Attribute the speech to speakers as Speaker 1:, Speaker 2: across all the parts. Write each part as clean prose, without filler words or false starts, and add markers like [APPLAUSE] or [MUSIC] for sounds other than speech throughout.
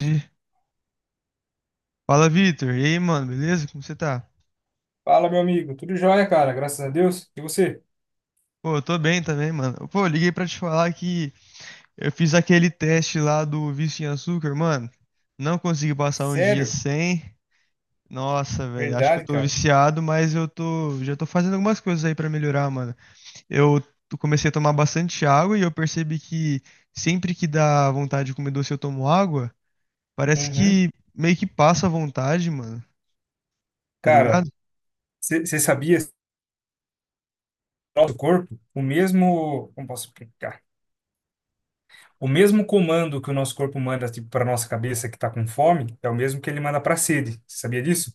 Speaker 1: Entendi. Fala, Vitor. E aí, mano, beleza? Como você tá?
Speaker 2: Fala, meu amigo. Tudo jóia, cara. Graças a Deus. E você?
Speaker 1: Pô, eu tô bem também, mano. Pô, eu liguei pra te falar que eu fiz aquele teste lá do vício em açúcar, mano. Não consegui passar um dia
Speaker 2: Sério?
Speaker 1: sem. Nossa, velho, acho que eu
Speaker 2: Verdade,
Speaker 1: tô
Speaker 2: cara.
Speaker 1: viciado, mas já tô fazendo algumas coisas aí pra melhorar, mano. Comecei a tomar bastante água e eu percebi que sempre que dá vontade de comer doce eu tomo água, parece
Speaker 2: Uhum.
Speaker 1: que meio que passa a vontade, mano. Tá
Speaker 2: Cara,
Speaker 1: ligado?
Speaker 2: você sabia que o nosso corpo, o mesmo, como posso explicar? O mesmo comando que o nosso corpo manda tipo para nossa cabeça que tá com fome, é o mesmo que ele manda para sede. Você sabia disso?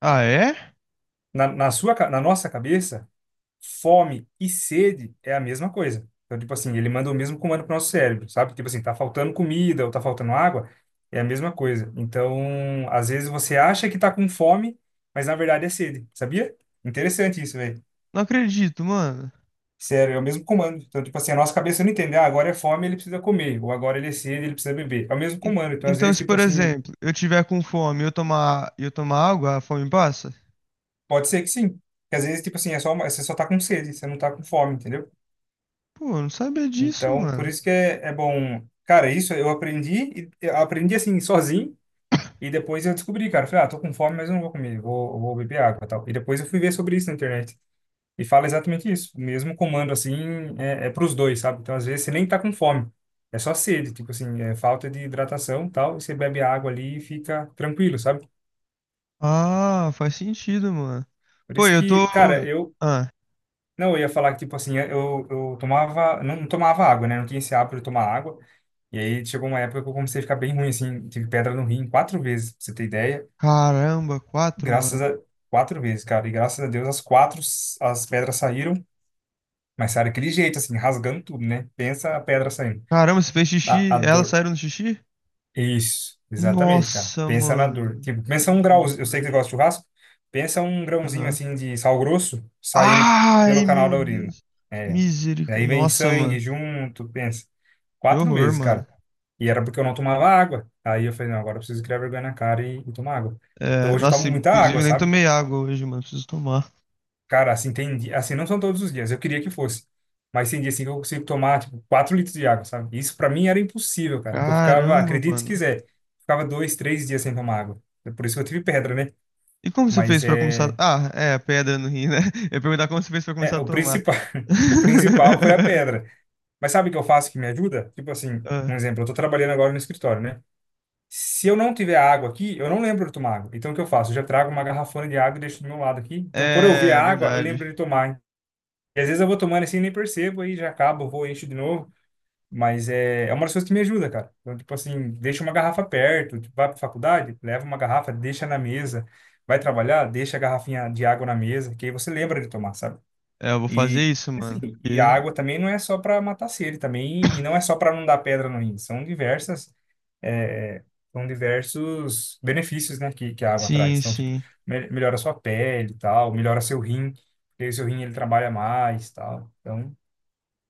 Speaker 1: Ah, é?
Speaker 2: Na nossa cabeça. Fome e sede é a mesma coisa. Então, tipo assim, ele manda o mesmo comando pro nosso cérebro, sabe? Tipo assim, tá faltando comida ou tá faltando água, é a mesma coisa. Então, às vezes você acha que tá com fome, mas na verdade é sede, sabia? Interessante isso, velho.
Speaker 1: Não acredito, mano.
Speaker 2: Sério, é o mesmo comando. Então, tipo assim, a nossa cabeça não entende, ah, agora é fome, ele precisa comer, ou agora ele é sede, ele precisa beber. É o mesmo
Speaker 1: En-
Speaker 2: comando. Então, às
Speaker 1: Então,
Speaker 2: vezes,
Speaker 1: se
Speaker 2: tipo
Speaker 1: por
Speaker 2: assim,
Speaker 1: exemplo, eu tiver com fome e eu tomar água, a fome passa?
Speaker 2: pode ser que sim. Que às vezes, tipo assim, é só, você só tá com sede, você não tá com fome, entendeu?
Speaker 1: Pô, eu não sabia disso,
Speaker 2: Então, por
Speaker 1: mano.
Speaker 2: isso que é bom. Cara, isso eu aprendi, eu aprendi assim, sozinho, e depois eu descobri, cara. Eu falei, ah, tô com fome, mas eu não vou comer, vou beber água e tal. E depois eu fui ver sobre isso na internet. E fala exatamente isso. O mesmo comando, assim, é pros dois, sabe? Então, às vezes, você nem tá com fome. É só sede, tipo assim, é falta de hidratação e tal. E você bebe água ali e fica tranquilo, sabe?
Speaker 1: Ah, faz sentido, mano.
Speaker 2: Por
Speaker 1: Pô,
Speaker 2: isso
Speaker 1: eu tô.
Speaker 2: que, cara, eu.
Speaker 1: Ah,
Speaker 2: Não, eu ia falar que, tipo assim, eu tomava. Não, não tomava água, né? Não tinha esse hábito de tomar água. E aí chegou uma época que eu comecei a ficar bem ruim, assim. Tive pedra no rim quatro vezes, pra você ter ideia.
Speaker 1: caramba, quatro,
Speaker 2: Graças
Speaker 1: mano.
Speaker 2: a... Quatro vezes, cara. E graças a Deus as quatro, as pedras saíram. Mas saíram daquele jeito, assim, rasgando tudo, né? Pensa a pedra saindo.
Speaker 1: Caramba, você fez
Speaker 2: A,
Speaker 1: xixi?
Speaker 2: a
Speaker 1: Elas
Speaker 2: dor,
Speaker 1: saíram no xixi?
Speaker 2: isso, exatamente, cara.
Speaker 1: Nossa,
Speaker 2: Pensa na dor.
Speaker 1: mano.
Speaker 2: Tipo, pensa um grauzinho. Eu sei que você
Speaker 1: Misericórdia.
Speaker 2: gosta de churrasco. Pensa um grãozinho
Speaker 1: Aham.
Speaker 2: assim de sal grosso saindo
Speaker 1: Ai,
Speaker 2: pelo canal
Speaker 1: meu
Speaker 2: da urina.
Speaker 1: Deus.
Speaker 2: É. Aí
Speaker 1: Misericórdia.
Speaker 2: vem
Speaker 1: Nossa,
Speaker 2: sangue
Speaker 1: mano.
Speaker 2: junto, pensa.
Speaker 1: Que
Speaker 2: Quatro
Speaker 1: horror,
Speaker 2: vezes,
Speaker 1: mano.
Speaker 2: cara. E era porque eu não tomava água. Aí eu falei, não, agora eu preciso criar vergonha na cara e tomar água. Então
Speaker 1: É,
Speaker 2: hoje eu
Speaker 1: nossa,
Speaker 2: tomo muita água,
Speaker 1: inclusive nem
Speaker 2: sabe?
Speaker 1: tomei água hoje, mano. Preciso tomar.
Speaker 2: Cara, assim, tem, assim, não são todos os dias, eu queria que fosse. Mas tem dia assim que eu consigo tomar, tipo, 4 litros de água, sabe? Isso pra mim era impossível, cara, porque eu ficava,
Speaker 1: Caramba,
Speaker 2: acredite se
Speaker 1: mano.
Speaker 2: quiser, ficava 2, 3 dias sem tomar água. É por isso que eu tive pedra, né?
Speaker 1: E como você
Speaker 2: Mas
Speaker 1: fez pra começar?
Speaker 2: é,
Speaker 1: Ah, é, a pedra no rim, né? [LAUGHS] Eu ia perguntar como você fez pra começar
Speaker 2: é
Speaker 1: a
Speaker 2: o
Speaker 1: tomar.
Speaker 2: principal, [LAUGHS] o principal foi a
Speaker 1: [LAUGHS]
Speaker 2: pedra. Mas sabe o que eu faço que me ajuda? Tipo assim, um
Speaker 1: Ah,
Speaker 2: exemplo, eu tô trabalhando agora no escritório, né? Se eu não tiver água aqui, eu não lembro de tomar água. Então o que eu faço? Eu já trago uma garrafona de água e deixo do meu lado aqui. Então, por eu ver
Speaker 1: é,
Speaker 2: a água, eu
Speaker 1: verdade.
Speaker 2: lembro de tomar. E às vezes eu vou tomando assim nem percebo, aí já acabo, vou, encho de novo. Mas é uma das coisas que me ajuda, cara. Então, tipo assim, deixa uma garrafa perto, tipo, vai pra faculdade, leva uma garrafa, deixa na mesa. Vai trabalhar, deixa a garrafinha de água na mesa, que aí você lembra de tomar, sabe?
Speaker 1: É, eu vou fazer
Speaker 2: E
Speaker 1: isso, mano.
Speaker 2: assim, e a
Speaker 1: Porque-
Speaker 2: água também não é só para matar sede também, e não é só para não dar pedra no rim, é, são diversos benefícios, né, que a água traz.
Speaker 1: Sim,
Speaker 2: Então, tipo,
Speaker 1: sim.
Speaker 2: melhora a sua pele e tal, melhora seu rim, porque o seu rim ele trabalha mais, e tal. Então,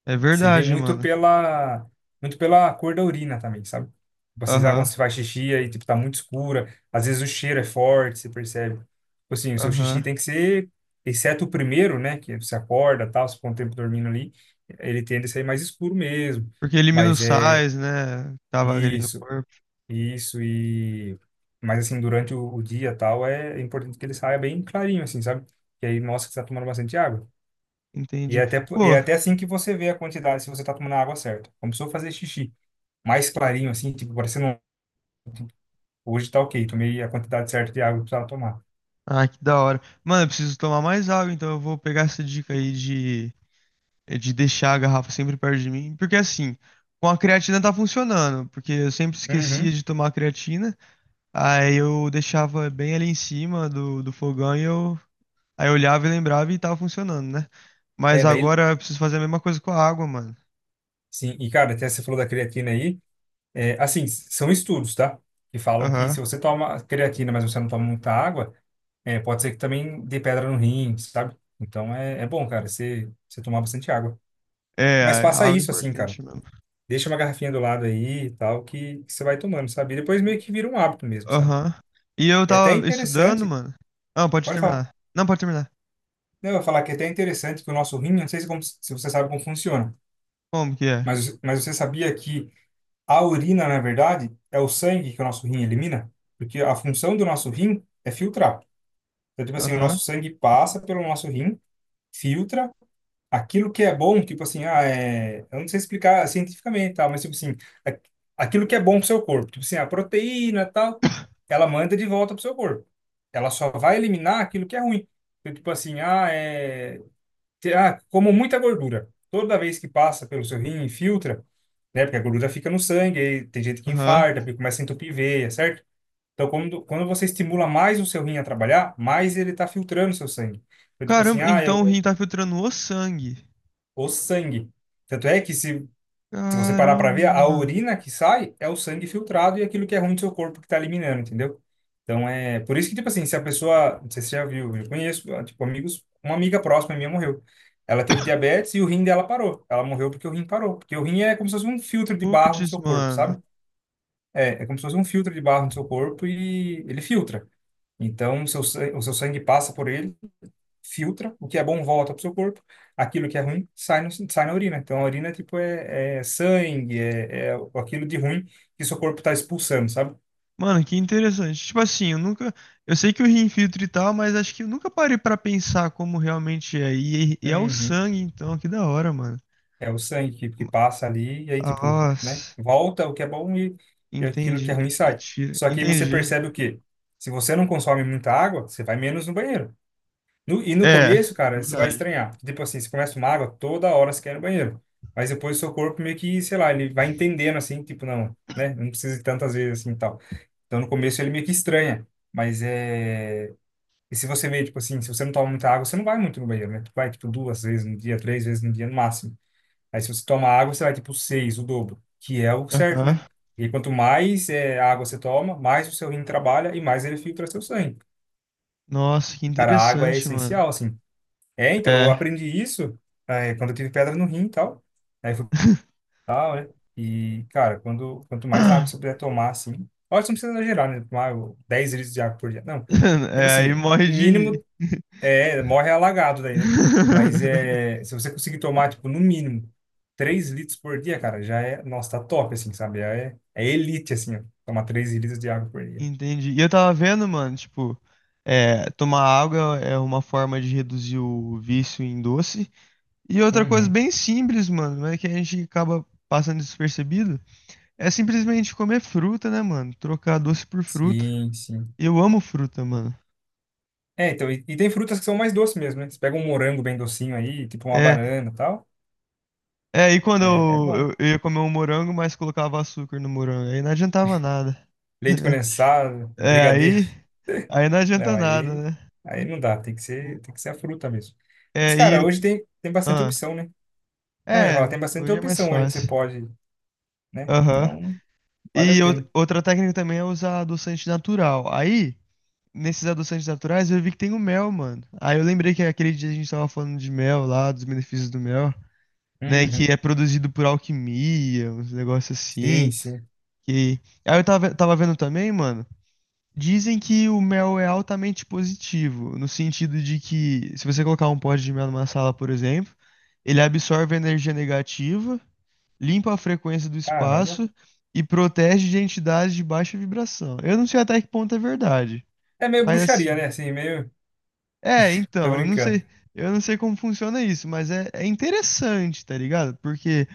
Speaker 1: É
Speaker 2: você vê
Speaker 1: verdade,
Speaker 2: muito
Speaker 1: mano.
Speaker 2: pela, muito pela cor da urina também, sabe? Tipo assim, sabe quando
Speaker 1: Aham,
Speaker 2: você faz xixi aí, tipo, tá muito escura. Às vezes o cheiro é forte, você percebe. Tipo assim, o seu xixi
Speaker 1: aham.
Speaker 2: tem que ser, exceto o primeiro, né? Que você acorda, tal, você ficou um tempo dormindo ali, ele tende a sair mais escuro mesmo.
Speaker 1: Porque elimina os
Speaker 2: Mas é
Speaker 1: sais, né? Tava ali no
Speaker 2: isso,
Speaker 1: corpo.
Speaker 2: isso e... Mas assim, durante o dia, tal, é importante que ele saia bem clarinho, assim, sabe? Que aí mostra que você tá tomando bastante água. E é
Speaker 1: Entendi.
Speaker 2: até, po-
Speaker 1: Pô,
Speaker 2: é até assim que você vê a quantidade, se você tá tomando a água certa. Começou a fazer xixi mais clarinho, assim, tipo, parecendo, hoje tá ok, tomei a quantidade certa de água que precisava tomar.
Speaker 1: ah, que da hora. Mano, eu preciso tomar mais água, então eu vou pegar essa dica aí de deixar a garrafa sempre perto de mim, porque assim, com a creatina tá funcionando, porque eu sempre esquecia
Speaker 2: Uhum.
Speaker 1: de tomar a creatina, aí eu deixava bem ali em cima do fogão e eu, aí eu olhava e lembrava e tava funcionando, né? Mas
Speaker 2: É, daí,
Speaker 1: agora eu preciso fazer a mesma coisa com a água, mano.
Speaker 2: sim. E, cara, até você falou da creatina aí, é, assim, são estudos, tá? Que falam que
Speaker 1: Aham.
Speaker 2: se você toma creatina, mas você não toma muita água, pode ser que também dê pedra no rim, sabe? Então, é bom, cara, você tomar bastante água.
Speaker 1: É,
Speaker 2: Mas
Speaker 1: a
Speaker 2: faça
Speaker 1: água é
Speaker 2: isso, assim, cara.
Speaker 1: importante mesmo.
Speaker 2: Deixa uma garrafinha do lado aí e tal, que você vai tomando, sabe? E depois meio que vira um hábito mesmo, sabe?
Speaker 1: Aham. E eu
Speaker 2: É até
Speaker 1: tava estudando,
Speaker 2: interessante.
Speaker 1: mano. Ah, pode
Speaker 2: Pode falar.
Speaker 1: terminar. Não, pode terminar.
Speaker 2: Não, eu vou falar que é até interessante que o nosso rim, eu não sei se, se você sabe como funciona,
Speaker 1: Como que é?
Speaker 2: mas você sabia que a urina, na verdade, é o sangue que o nosso rim elimina? Porque a função do nosso rim é filtrar. Então, tipo assim, o
Speaker 1: Aham,
Speaker 2: nosso sangue passa pelo nosso rim, filtra aquilo que é bom, tipo assim, ah, é, eu não sei explicar cientificamente, e tal, mas tipo assim, a- aquilo que é bom pro seu corpo, tipo assim, a proteína, e tal, ela manda de volta pro seu corpo. Ela só vai eliminar aquilo que é ruim. Então, tipo assim, ah, como muita gordura. Toda vez que passa pelo seu rim e filtra, né, porque a gordura fica no sangue, aí tem gente que
Speaker 1: aham.
Speaker 2: infarta, porque começa a entupir veia, certo? Então, quando você estimula mais o seu rim a trabalhar, mais ele está filtrando o seu sangue. Então, tipo assim,
Speaker 1: Caramba,
Speaker 2: ah, eu
Speaker 1: então o rim tá filtrando o sangue.
Speaker 2: o sangue. Tanto é que se você parar para
Speaker 1: Caramba,
Speaker 2: ver, a
Speaker 1: mano.
Speaker 2: urina que sai é o sangue filtrado e aquilo que é ruim do seu corpo que está eliminando, entendeu? Então é por isso que, tipo assim, se a pessoa, não sei se você já viu, eu conheço, ah, tipo, amigos, uma amiga próxima minha morreu. Ela teve diabetes e o rim dela parou. Ela morreu porque o rim parou. Porque o rim é como se fosse um filtro de barro no
Speaker 1: Putz,
Speaker 2: seu corpo,
Speaker 1: mano.
Speaker 2: sabe? É como se fosse um filtro de barro no seu corpo e ele filtra. Então, o seu sangue passa por ele, filtra, o que é bom volta para o seu corpo, aquilo que é ruim sai, no, sai na urina. Então a urina tipo é sangue, é aquilo de ruim que seu corpo está expulsando, sabe?
Speaker 1: Mano, que interessante. Tipo assim, eu nunca. Eu sei que o rim filtra e tal, mas acho que eu nunca parei pra pensar como realmente é. E é o
Speaker 2: Uhum.
Speaker 1: sangue, então, que da hora, mano.
Speaker 2: É o sangue que passa ali e aí tipo, né?
Speaker 1: Nossa,
Speaker 2: Volta o que é bom e aquilo que é
Speaker 1: entendi.
Speaker 2: ruim
Speaker 1: E
Speaker 2: sai.
Speaker 1: tira.
Speaker 2: Só que aí você
Speaker 1: Entendi.
Speaker 2: percebe o quê? Se você não consome muita água, você vai menos no banheiro. E no
Speaker 1: É,
Speaker 2: começo, cara, você vai
Speaker 1: verdade.
Speaker 2: estranhar. Tipo assim, você começa uma água, toda hora você quer ir no banheiro. Mas depois o seu corpo meio que, sei lá, ele vai entendendo assim, tipo, não, né? Não precisa ir tantas vezes assim e tal. Então no começo ele meio que estranha. Mas é. E se você vê, tipo assim, se você não toma muita água, você não vai muito no banheiro, né? Tu vai, tipo, duas vezes no dia, três vezes no dia no máximo. Aí se você toma água, você vai, tipo, seis, o dobro, que é o certo, né?
Speaker 1: Aham.
Speaker 2: E quanto mais água você toma, mais o seu rim trabalha e mais ele filtra seu sangue.
Speaker 1: Nossa, que
Speaker 2: Cara, a água é
Speaker 1: interessante, mano.
Speaker 2: essencial, assim. É, então, eu
Speaker 1: É.
Speaker 2: aprendi isso quando eu tive pedra no rim e tal. Aí eu fui pra
Speaker 1: [LAUGHS]
Speaker 2: tal, né? E, cara, quanto mais água você puder tomar, assim... Óbvio, você não precisa exagerar, né? Tomar o 10 litros de água por dia. Não. Tipo
Speaker 1: É, aí
Speaker 2: assim,
Speaker 1: morre
Speaker 2: o
Speaker 1: de.
Speaker 2: mínimo é... Morre alagado daí, né? Mas
Speaker 1: [LAUGHS]
Speaker 2: é... Se você conseguir tomar, tipo, no mínimo 3 litros por dia, cara, já é... Nossa, tá top, assim, sabe? É elite, assim, ó. Tomar 3 litros de água por dia.
Speaker 1: Entendi. E eu tava vendo, mano, tipo, é, tomar água é uma forma de reduzir o vício em doce. E outra coisa
Speaker 2: Uhum.
Speaker 1: bem simples, mano, mas que a gente acaba passando despercebido, é simplesmente comer fruta, né, mano? Trocar doce por fruta.
Speaker 2: Sim, sim.
Speaker 1: Eu amo fruta, mano.
Speaker 2: É, então, e tem frutas que são mais doces mesmo, né? Você pega um morango bem docinho aí, tipo uma
Speaker 1: É,
Speaker 2: banana e tal,
Speaker 1: é, e quando
Speaker 2: é
Speaker 1: eu,
Speaker 2: bom.
Speaker 1: eu, eu ia comer um morango, mas colocava açúcar no morango, aí não adiantava nada.
Speaker 2: Leite
Speaker 1: [LAUGHS]
Speaker 2: condensado,
Speaker 1: É,
Speaker 2: brigadeiro,
Speaker 1: aí não
Speaker 2: [LAUGHS] não,
Speaker 1: adianta nada,
Speaker 2: aí,
Speaker 1: né?
Speaker 2: aí não dá, tem que ser a fruta mesmo. Mas,
Speaker 1: É,
Speaker 2: cara,
Speaker 1: e,
Speaker 2: hoje tem bastante
Speaker 1: ah,
Speaker 2: opção, né? Não, eu ia falar,
Speaker 1: é,
Speaker 2: tem bastante
Speaker 1: hoje é mais
Speaker 2: opção hoje que você
Speaker 1: fácil.
Speaker 2: pode, né?
Speaker 1: Aham.
Speaker 2: Então, vale a
Speaker 1: E
Speaker 2: pena.
Speaker 1: outra técnica também é usar adoçante natural. Aí, nesses adoçantes naturais, eu vi que tem o mel, mano. Aí eu lembrei que aquele dia a gente tava falando de mel lá, dos benefícios do mel, né? Que
Speaker 2: Uhum.
Speaker 1: é produzido por alquimia, uns negócios
Speaker 2: Sim,
Speaker 1: assim.
Speaker 2: sim.
Speaker 1: Que... Aí eu tava vendo também, mano. Dizem que o mel é altamente positivo, no sentido de que se você colocar um pote de mel numa sala, por exemplo, ele absorve a energia negativa, limpa a frequência do
Speaker 2: Caramba.
Speaker 1: espaço e protege de entidades de baixa vibração. Eu não sei até que ponto é verdade,
Speaker 2: É meio
Speaker 1: mas
Speaker 2: bruxaria,
Speaker 1: assim,
Speaker 2: né? Assim, meio...
Speaker 1: é,
Speaker 2: Tô
Speaker 1: então, eu não
Speaker 2: brincando.
Speaker 1: sei, eu não sei como funciona isso, mas é interessante, tá ligado? Porque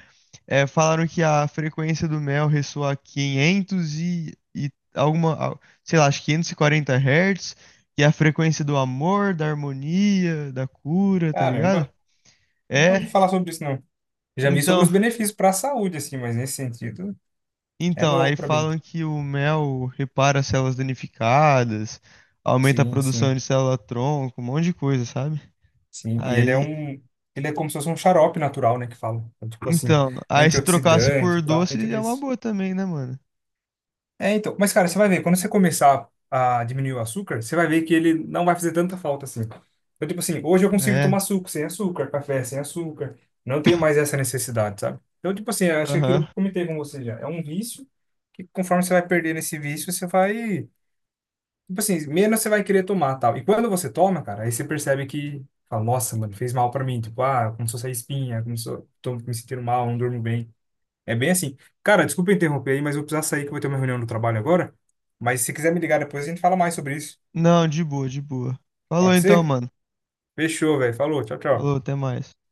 Speaker 1: falaram que a frequência do mel ressoa a 500 e alguma, sei lá, acho que 540 Hz, que é a frequência do amor, da harmonia, da cura, tá ligado?
Speaker 2: Caramba, nunca ouvi
Speaker 1: É,
Speaker 2: falar sobre isso, não. Já vi sobre
Speaker 1: então,
Speaker 2: os benefícios para a saúde, assim, mas nesse sentido é
Speaker 1: Então, aí
Speaker 2: novo para mim.
Speaker 1: falam que o mel repara as células danificadas, aumenta a
Speaker 2: Sim,
Speaker 1: produção
Speaker 2: sim.
Speaker 1: de célula-tronco, um monte de coisa, sabe?
Speaker 2: Sim, e ele é
Speaker 1: Aí,
Speaker 2: um. Ele é como se fosse um xarope natural, né? Que falam. Então, tipo assim,
Speaker 1: então, aí se trocasse
Speaker 2: antioxidante
Speaker 1: por
Speaker 2: e tal, tem
Speaker 1: doce
Speaker 2: tudo
Speaker 1: é uma
Speaker 2: isso.
Speaker 1: boa também, né, mano?
Speaker 2: É, então. Mas, cara, você vai ver, quando você começar a diminuir o açúcar, você vai ver que ele não vai fazer tanta falta assim. Então, tipo assim, hoje eu consigo
Speaker 1: É,
Speaker 2: tomar suco sem açúcar, café sem açúcar. Não tenho mais essa necessidade, sabe? Então, tipo assim, eu acho que é aquilo
Speaker 1: aham.
Speaker 2: que eu comentei com você já é um vício que conforme você vai perdendo esse vício, você vai tipo assim, menos você vai querer tomar, tal. E quando você toma, cara, aí você percebe que, fala, nossa, mano, fez mal pra mim. Tipo, ah, começou a sair espinha, começou, tô me sentindo mal, não durmo bem. É bem assim. Cara, desculpa interromper aí, mas eu vou precisar sair que eu vou ter uma reunião no trabalho agora. Mas se quiser me ligar depois, a gente fala mais sobre isso.
Speaker 1: Não, de boa, de boa. Falou
Speaker 2: Pode
Speaker 1: então,
Speaker 2: ser?
Speaker 1: mano.
Speaker 2: Fechou, velho. Falou, tchau, tchau.
Speaker 1: Falou, até mais.